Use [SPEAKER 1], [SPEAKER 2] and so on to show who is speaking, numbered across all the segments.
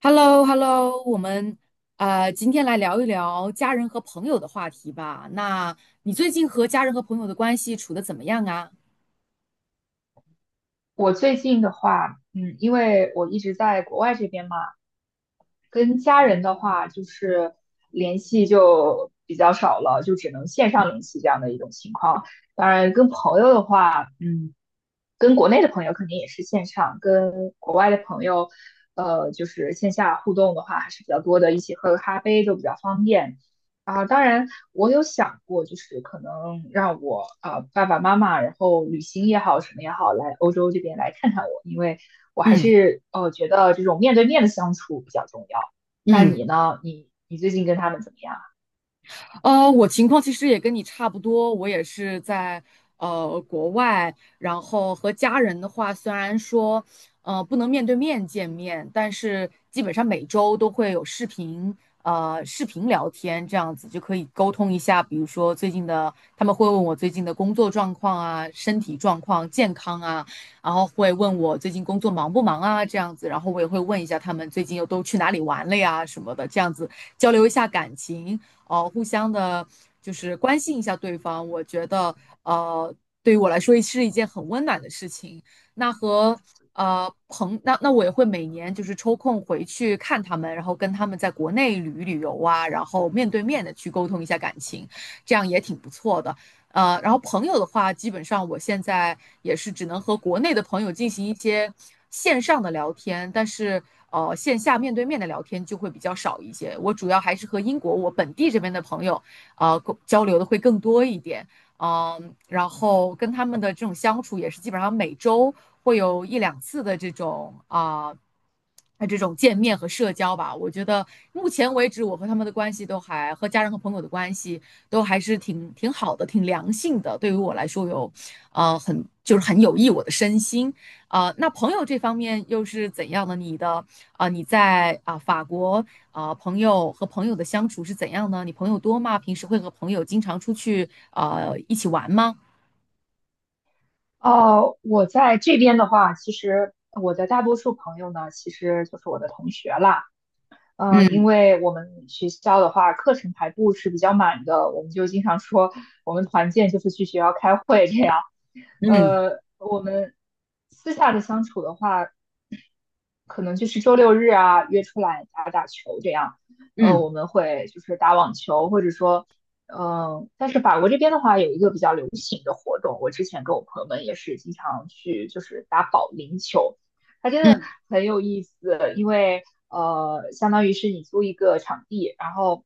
[SPEAKER 1] h e l l o h e l l o 我们今天来聊一聊家人和朋友的话题吧。那你最近和家人和朋友的关系处的怎么样啊？
[SPEAKER 2] 我最近的话，嗯，因为我一直在国外这边嘛，跟家人的话就是联系就比较少了，就只能线上联系这样的一种情况。当然，跟朋友的话，嗯，跟国内的朋友肯定也是线上，跟国外的朋友，就是线下互动的话还是比较多的，一起喝个咖啡都比较方便。啊，当然，我有想过，就是可能让我爸爸妈妈，然后旅行也好，什么也好，来欧洲这边来看看我，因为我还
[SPEAKER 1] 嗯
[SPEAKER 2] 是觉得这种面对面的相处比较重要。那
[SPEAKER 1] 嗯。
[SPEAKER 2] 你呢？你最近跟他们怎么样？
[SPEAKER 1] 我情况其实也跟你差不多，我也是在国外，然后和家人的话，虽然说不能面对面见面，但是基本上每周都会有视频，视频聊天这样子就可以沟通一下，比如说最近的，他们会问我最近的工作状况啊、身体状况、健康啊，然后会问我最近工作忙不忙啊这样子，然后我也会问一下他们最近又都去哪里玩了呀什么的，这样子交流一下感情。互相的，就是关心一下对方，我觉得呃对于我来说是一件很温暖的事情。那和那我也会每年就是抽空回去看他们，然后跟他们在国内旅游啊，然后面对面的去沟通一下感情，这样也挺不错的。然后朋友的话，基本上我现在也是只能和国内的朋友进行一些线上的聊天，但是线下面对面的聊天就会比较少一些。我主要还是和英国我本地这边的朋友，交流的会更多一点。嗯，然后跟他们的这种相处也是基本上每周会有一两次的这种见面和社交吧。我觉得目前为止，我和他们的关系都还和家人和朋友的关系都还是挺好的，挺良性的。对于我来说有很就是很有益我的身心。那朋友这方面又是怎样的？你在法国朋友和朋友的相处是怎样呢？你朋友多吗？平时会和朋友经常出去一起玩吗？
[SPEAKER 2] 哦，我在这边的话，其实我的大多数朋友呢，其实就是我的同学啦。因为我们学校的话，课程排布是比较满的，我们就经常说我们团建就是去学校开会这样。
[SPEAKER 1] 嗯
[SPEAKER 2] 我们私下的相处的话，可能就是周六日啊约出来打打球这样。
[SPEAKER 1] 嗯
[SPEAKER 2] 我们会就是打网球，或者说，嗯，但是法国这边的话有一个比较流行的活动，我之前跟我朋友们也是经常去，就是打保龄球，它真的
[SPEAKER 1] 嗯
[SPEAKER 2] 很有意思，因为相当于是你租一个场地，然后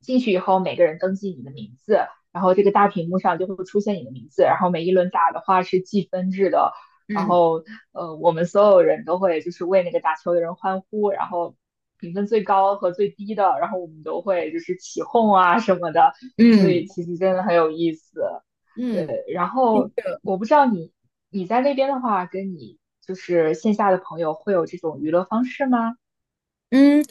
[SPEAKER 2] 进去以后每个人登记你的名字，然后这个大屏幕上就会出现你的名字，然后每一轮打的话是计分制的，然
[SPEAKER 1] 嗯
[SPEAKER 2] 后我们所有人都会就是为那个打球的人欢呼，然后评分最高和最低的，然后我们都会就是起哄啊什么的，
[SPEAKER 1] 嗯嗯嗯
[SPEAKER 2] 所以
[SPEAKER 1] 嗯。嗯
[SPEAKER 2] 其实真的很有意思。
[SPEAKER 1] 嗯嗯
[SPEAKER 2] 然后我不知道你在那边的话，跟你就是线下的朋友会有这种娱乐方式吗？
[SPEAKER 1] 嗯，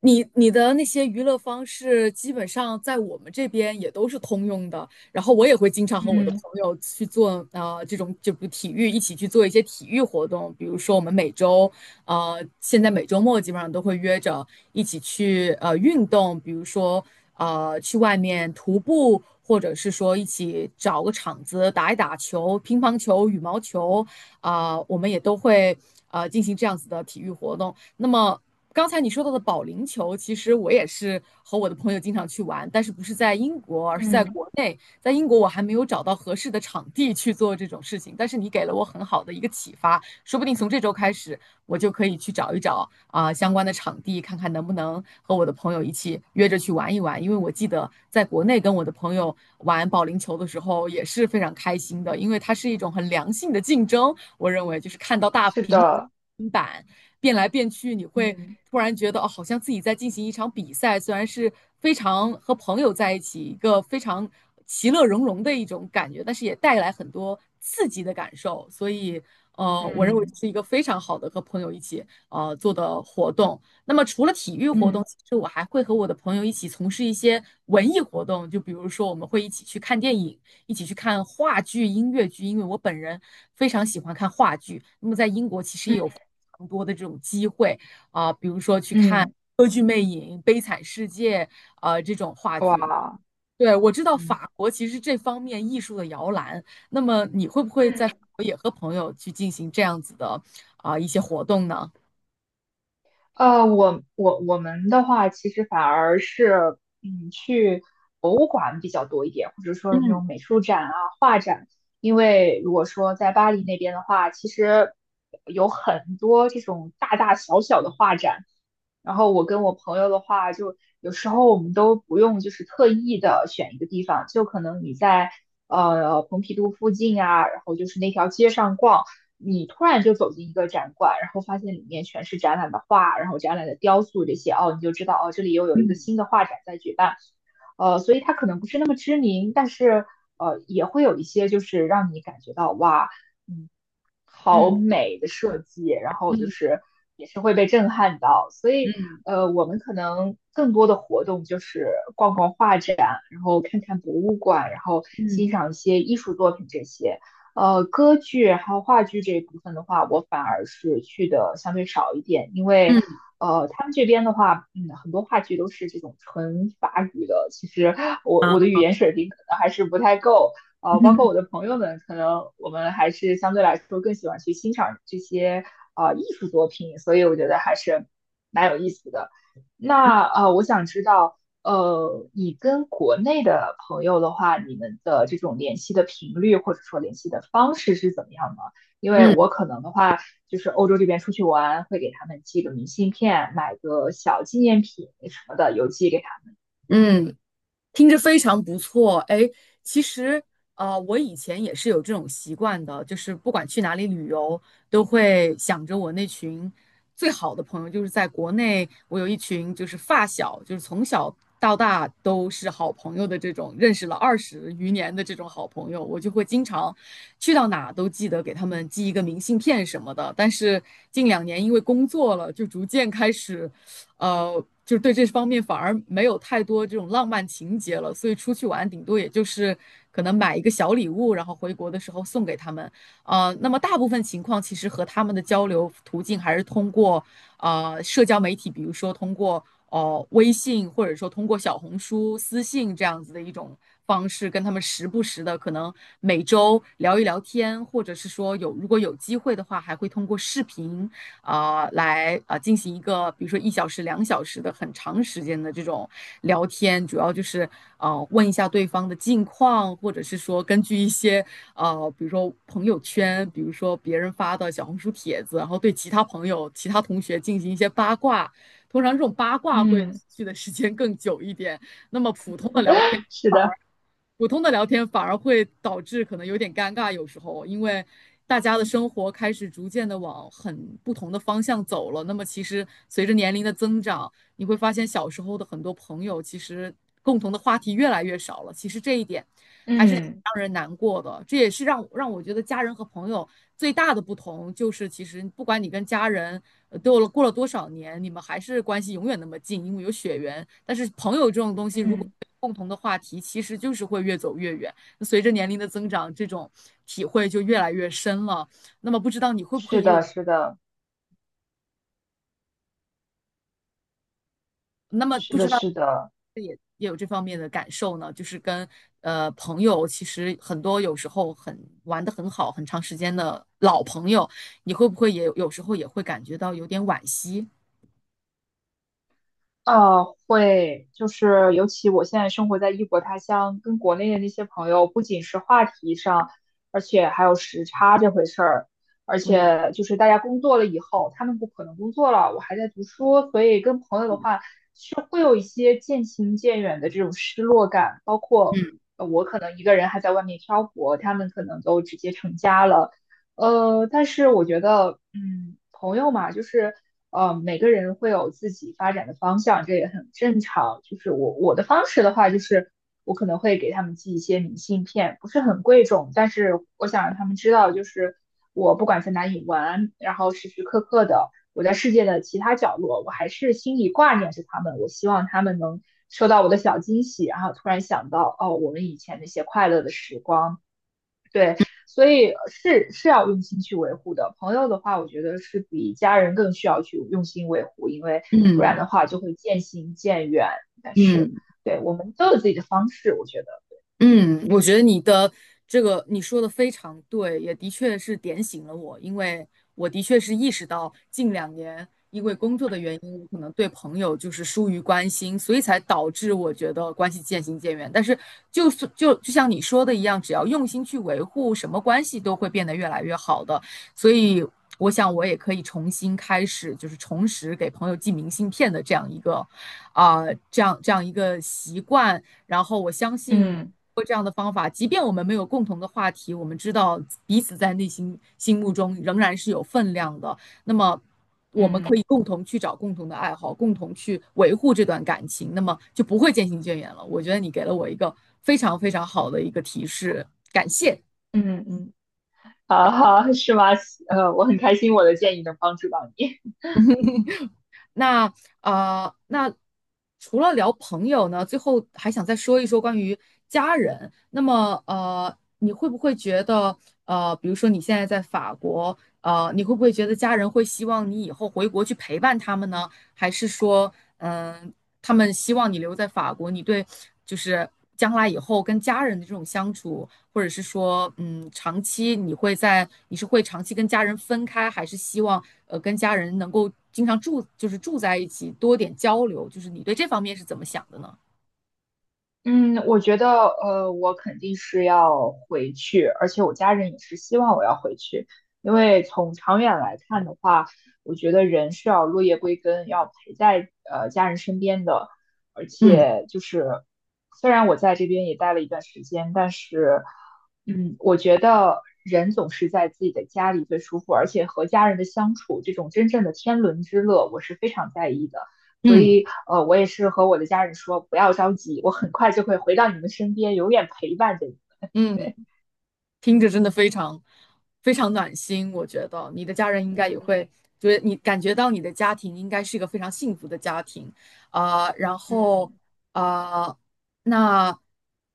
[SPEAKER 1] 你的那些娱乐方式，基本上在我们这边也都是通用的。然后我也会经常和我的朋
[SPEAKER 2] 嗯
[SPEAKER 1] 友去做这种就比如体育，一起去做一些体育活动。比如说我们现在每周末基本上都会约着一起去运动，比如说去外面徒步，或者是说一起找个场子打一打球，乒乓球、羽毛球啊、我们也都会进行这样子的体育活动。那么刚才你说到的保龄球，其实我也是和我的朋友经常去玩，但是不是在英国，而是在
[SPEAKER 2] 嗯，
[SPEAKER 1] 国内。在英国，我还没有找到合适的场地去做这种事情，但是你给了我很好的一个启发，说不定从这周开始，我就可以去找一找相关的场地，看看能不能和我的朋友一起约着去玩一玩。因为我记得在国内跟我的朋友玩保龄球的时候也是非常开心的，因为它是一种很良性的竞争，我认为就是看到大
[SPEAKER 2] 是
[SPEAKER 1] 平
[SPEAKER 2] 的，
[SPEAKER 1] 板，变来变去，你会
[SPEAKER 2] 嗯
[SPEAKER 1] 突然觉得哦，好像自己在进行一场比赛，虽然是非常和朋友在一起，一个非常其乐融融的一种感觉，但是也带来很多刺激的感受。所以，我认为
[SPEAKER 2] 嗯
[SPEAKER 1] 这是一个非常好的和朋友一起做的活动。那么除了体育活动，
[SPEAKER 2] 嗯
[SPEAKER 1] 其实我还会和我的朋友一起从事一些文艺活动，就比如说我们会一起去看电影，一起去看话剧、音乐剧，因为我本人非常喜欢看话剧。那么在英国其实也有
[SPEAKER 2] 嗯
[SPEAKER 1] 非常多的这种机会啊、比如说去看
[SPEAKER 2] 嗯，
[SPEAKER 1] 《歌剧魅影》《悲惨世界》啊这种话剧。
[SPEAKER 2] 哇。
[SPEAKER 1] 对，我知道
[SPEAKER 2] 嗯
[SPEAKER 1] 法国其实这方面艺术的摇篮。那么你会不会在法
[SPEAKER 2] 嗯。
[SPEAKER 1] 国也和朋友去进行这样子的一些活动呢？
[SPEAKER 2] 我我们的话，其实反而是，嗯，去博物馆比较多一点，或者说那种美术展啊、画展。因为如果说在巴黎那边的话，其实有很多这种大大小小的画展。然后我跟我朋友的话，就有时候我们都不用就是特意的选一个地方，就可能你在蓬皮杜附近啊，然后就是那条街上逛。你突然就走进一个展馆，然后发现里面全是展览的画，然后展览的雕塑这些，哦，你就知道哦，这里又有一个新的画展在举办，呃，所以它可能不是那么知名，但是也会有一些就是让你感觉到哇，嗯，好
[SPEAKER 1] 嗯
[SPEAKER 2] 美的设计，然后就
[SPEAKER 1] 嗯
[SPEAKER 2] 是也是会被震撼到，所以
[SPEAKER 1] 嗯
[SPEAKER 2] 我们可能更多的活动就是逛逛画展，然后看看博物馆，然后欣
[SPEAKER 1] 嗯
[SPEAKER 2] 赏一些艺术作品这些。歌剧还有话剧这一部分的话，我反而是去的相对少一点，因为
[SPEAKER 1] 嗯
[SPEAKER 2] 他们这边的话，嗯，很多话剧都是这种纯法语的，其实我的
[SPEAKER 1] 啊
[SPEAKER 2] 语言水平可能还是不太够，包括
[SPEAKER 1] 嗯。
[SPEAKER 2] 我的朋友们，可能我们还是相对来说更喜欢去欣赏这些艺术作品，所以我觉得还是蛮有意思的。那我想知道。你跟国内的朋友的话，你们的这种联系的频率或者说联系的方式是怎么样的？因为我
[SPEAKER 1] 嗯
[SPEAKER 2] 可能的话，就是欧洲这边出去玩，会给他们寄个明信片，买个小纪念品什么的，邮寄给他们
[SPEAKER 1] 嗯，听着非常不错，哎，其实我以前也是有这种习惯的，就是不管去哪里旅游，都会想着我那群最好的朋友，就是在国内，我有一群就是发小，就是从小到大都是好朋友的这种，认识了20余年的这种好朋友，我就会经常去到哪都记得给他们寄一个明信片什么的。但是近两年因为工作了，就逐渐开始。就是对这方面反而没有太多这种浪漫情节了，所以出去玩顶多也就是可能买一个小礼物，然后回国的时候送给他们。那么大部分情况其实和他们的交流途径还是通过社交媒体，比如说通过微信，或者说通过小红书私信这样子的一种方式，跟他们时不时的可能每周聊一聊天，或者是说有如果有机会的话，还会通过视频啊，来啊，进行一个，比如说1小时、2小时的很长时间的这种聊天，主要就是问一下对方的近况，或者是说根据一些比如说朋友圈，比如说别人发的小红书帖子，然后对其他朋友、其他同学进行一些八卦。通常这种八卦会持
[SPEAKER 2] 嗯
[SPEAKER 1] 续的时间更久一点，那么普通的聊天。
[SPEAKER 2] 是的，
[SPEAKER 1] 普通的聊天反而会导致可能有点尴尬，有时候因为大家的生活开始逐渐的往很不同的方向走了。那么其实随着年龄的增长，你会发现小时候的很多朋友其实共同的话题越来越少了。其实这一点还是让
[SPEAKER 2] 嗯
[SPEAKER 1] 人难过的，这也是让我觉得家人和朋友最大的不同就是，其实不管你跟家人都过了多少年，你们还是关系永远那么近，因为有血缘。但是朋友这种东西，如果
[SPEAKER 2] 嗯，
[SPEAKER 1] 共同的话题，其实就是会越走越远。随着年龄的增长，这种体会就越来越深了。那么不知道你会不会
[SPEAKER 2] 是
[SPEAKER 1] 也有，
[SPEAKER 2] 的，是的，
[SPEAKER 1] 那么
[SPEAKER 2] 是
[SPEAKER 1] 不
[SPEAKER 2] 的，
[SPEAKER 1] 知道
[SPEAKER 2] 是的。
[SPEAKER 1] 也有这方面的感受呢？就是跟朋友，其实很多有时候很玩的很好，很长时间的老朋友，你会不会也有时候也会感觉到有点惋惜？
[SPEAKER 2] 会，就是尤其我现在生活在异国他乡，跟国内的那些朋友，不仅是话题上，而且还有时差这回事儿，而
[SPEAKER 1] 嗯。
[SPEAKER 2] 且就是大家工作了以后，他们不可能工作了，我还在读书，所以跟朋友的话是会有一些渐行渐远的这种失落感，包括
[SPEAKER 1] 嗯
[SPEAKER 2] 我可能一个人还在外面漂泊，他们可能都直接成家了。但是我觉得，嗯，朋友嘛，就是每个人会有自己发展的方向，这也很正常。就是我的方式的话，就是我可能会给他们寄一些明信片，不是很贵重，但是我想让他们知道，就是我不管在哪里玩，然后时时刻刻的我在世界的其他角落，我还是心里挂念着他们。我希望他们能收到我的小惊喜，然后突然想到，哦，我们以前那些快乐的时光。对，所以是是要用心去维护的。朋友的话，我觉得是比家人更需要去用心维护，因为不然
[SPEAKER 1] 嗯
[SPEAKER 2] 的话就会渐行渐远。但是，
[SPEAKER 1] 嗯。
[SPEAKER 2] 对，我们都有自己的方式，我觉得，
[SPEAKER 1] 嗯，我觉得你的这个你说的非常对，也的确是点醒了我，因为我的确是意识到近两年因为工作的原因，我可能对朋友就是疏于关心，所以才导致我觉得关系渐行渐远。但是就是就像你说的一样，只要用心去维护，什么关系都会变得越来越好的。所以我想我也可以重新开始，就是重拾给朋友寄明信片的这样一个啊、这样一个习惯。然后我相信通
[SPEAKER 2] 嗯
[SPEAKER 1] 过这样的方法，即便我们没有共同的话题，我们知道彼此在内心心目中仍然是有分量的。那么，我们可
[SPEAKER 2] 嗯
[SPEAKER 1] 以共同去找共同的爱好，共同去维护这段感情，那么就不会渐行渐远了。我觉得你给了我一个非常非常好的一个提示，感谢。
[SPEAKER 2] 嗯嗯，好好是吗？我很开心我的建议能帮助到你。
[SPEAKER 1] 那那除了聊朋友呢，最后还想再说一说关于家人。那么你会不会觉得比如说你现在在法国，你会不会觉得家人会希望你以后回国去陪伴他们呢？还是说，嗯，他们希望你留在法国，你对就是将来以后跟家人的这种相处，或者是说，嗯，长期你是会长期跟家人分开，还是希望跟家人能够经常住，就是住在一起，多点交流？就是你对这方面是怎么想的呢？
[SPEAKER 2] 嗯，我觉得，我肯定是要回去，而且我家人也是希望我要回去，因为从长远来看的话，我觉得人是要落叶归根，要陪在家人身边的，而
[SPEAKER 1] 嗯
[SPEAKER 2] 且就是虽然我在这边也待了一段时间，但是，嗯，我觉得人总是在自己的家里最舒服，而且和家人的相处，这种真正的天伦之乐，我是非常在意的。所
[SPEAKER 1] 嗯
[SPEAKER 2] 以我也是和我的家人说，不要着急，我很快就会回到你们身边，永远陪伴着你们。
[SPEAKER 1] 嗯，
[SPEAKER 2] 对，
[SPEAKER 1] 听着真的非常非常暖心，我觉得你的家人应该也
[SPEAKER 2] 嗯
[SPEAKER 1] 会就得你感觉到你的家庭应该是一个非常幸福的家庭然后
[SPEAKER 2] 嗯
[SPEAKER 1] 啊、呃那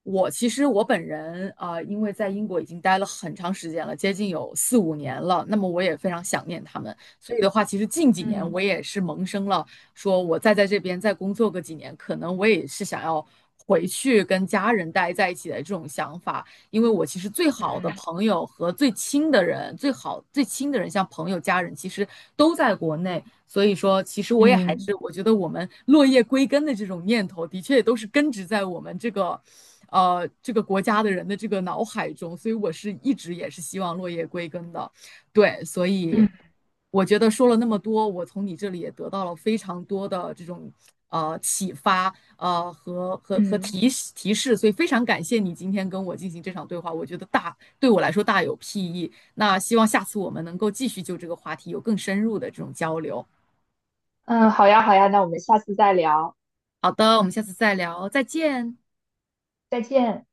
[SPEAKER 1] 我其实我本人因为在英国已经待了很长时间了，接近有四五年了，那么我也非常想念他们，所以的话，其实近几年
[SPEAKER 2] 嗯
[SPEAKER 1] 我也是萌生了说，我再在这边再工作个几年，可能我也是想要回去跟家人待在一起的这种想法。因为我其实最好的
[SPEAKER 2] 嗯
[SPEAKER 1] 朋友和最亲的人，最好最亲的人，像朋友、家人，其实都在国内。所以说，其实我也还
[SPEAKER 2] 嗯
[SPEAKER 1] 是，我觉得我们落叶归根的这种念头，的确也都是根植在我们这个，这个国家的人的这个脑海中。所以我是一直也是希望落叶归根的，对，所以。
[SPEAKER 2] 嗯
[SPEAKER 1] 我觉得说了那么多，我从你这里也得到了非常多的这种启发，和
[SPEAKER 2] 嗯，
[SPEAKER 1] 提示，所以非常感谢你今天跟我进行这场对话，我觉得大对我来说大有裨益。那希望下次我们能够继续就这个话题有更深入的这种交流。
[SPEAKER 2] 嗯，好呀，好呀，那我们下次再聊，
[SPEAKER 1] 好的，我们下次再聊，再见。
[SPEAKER 2] 再见。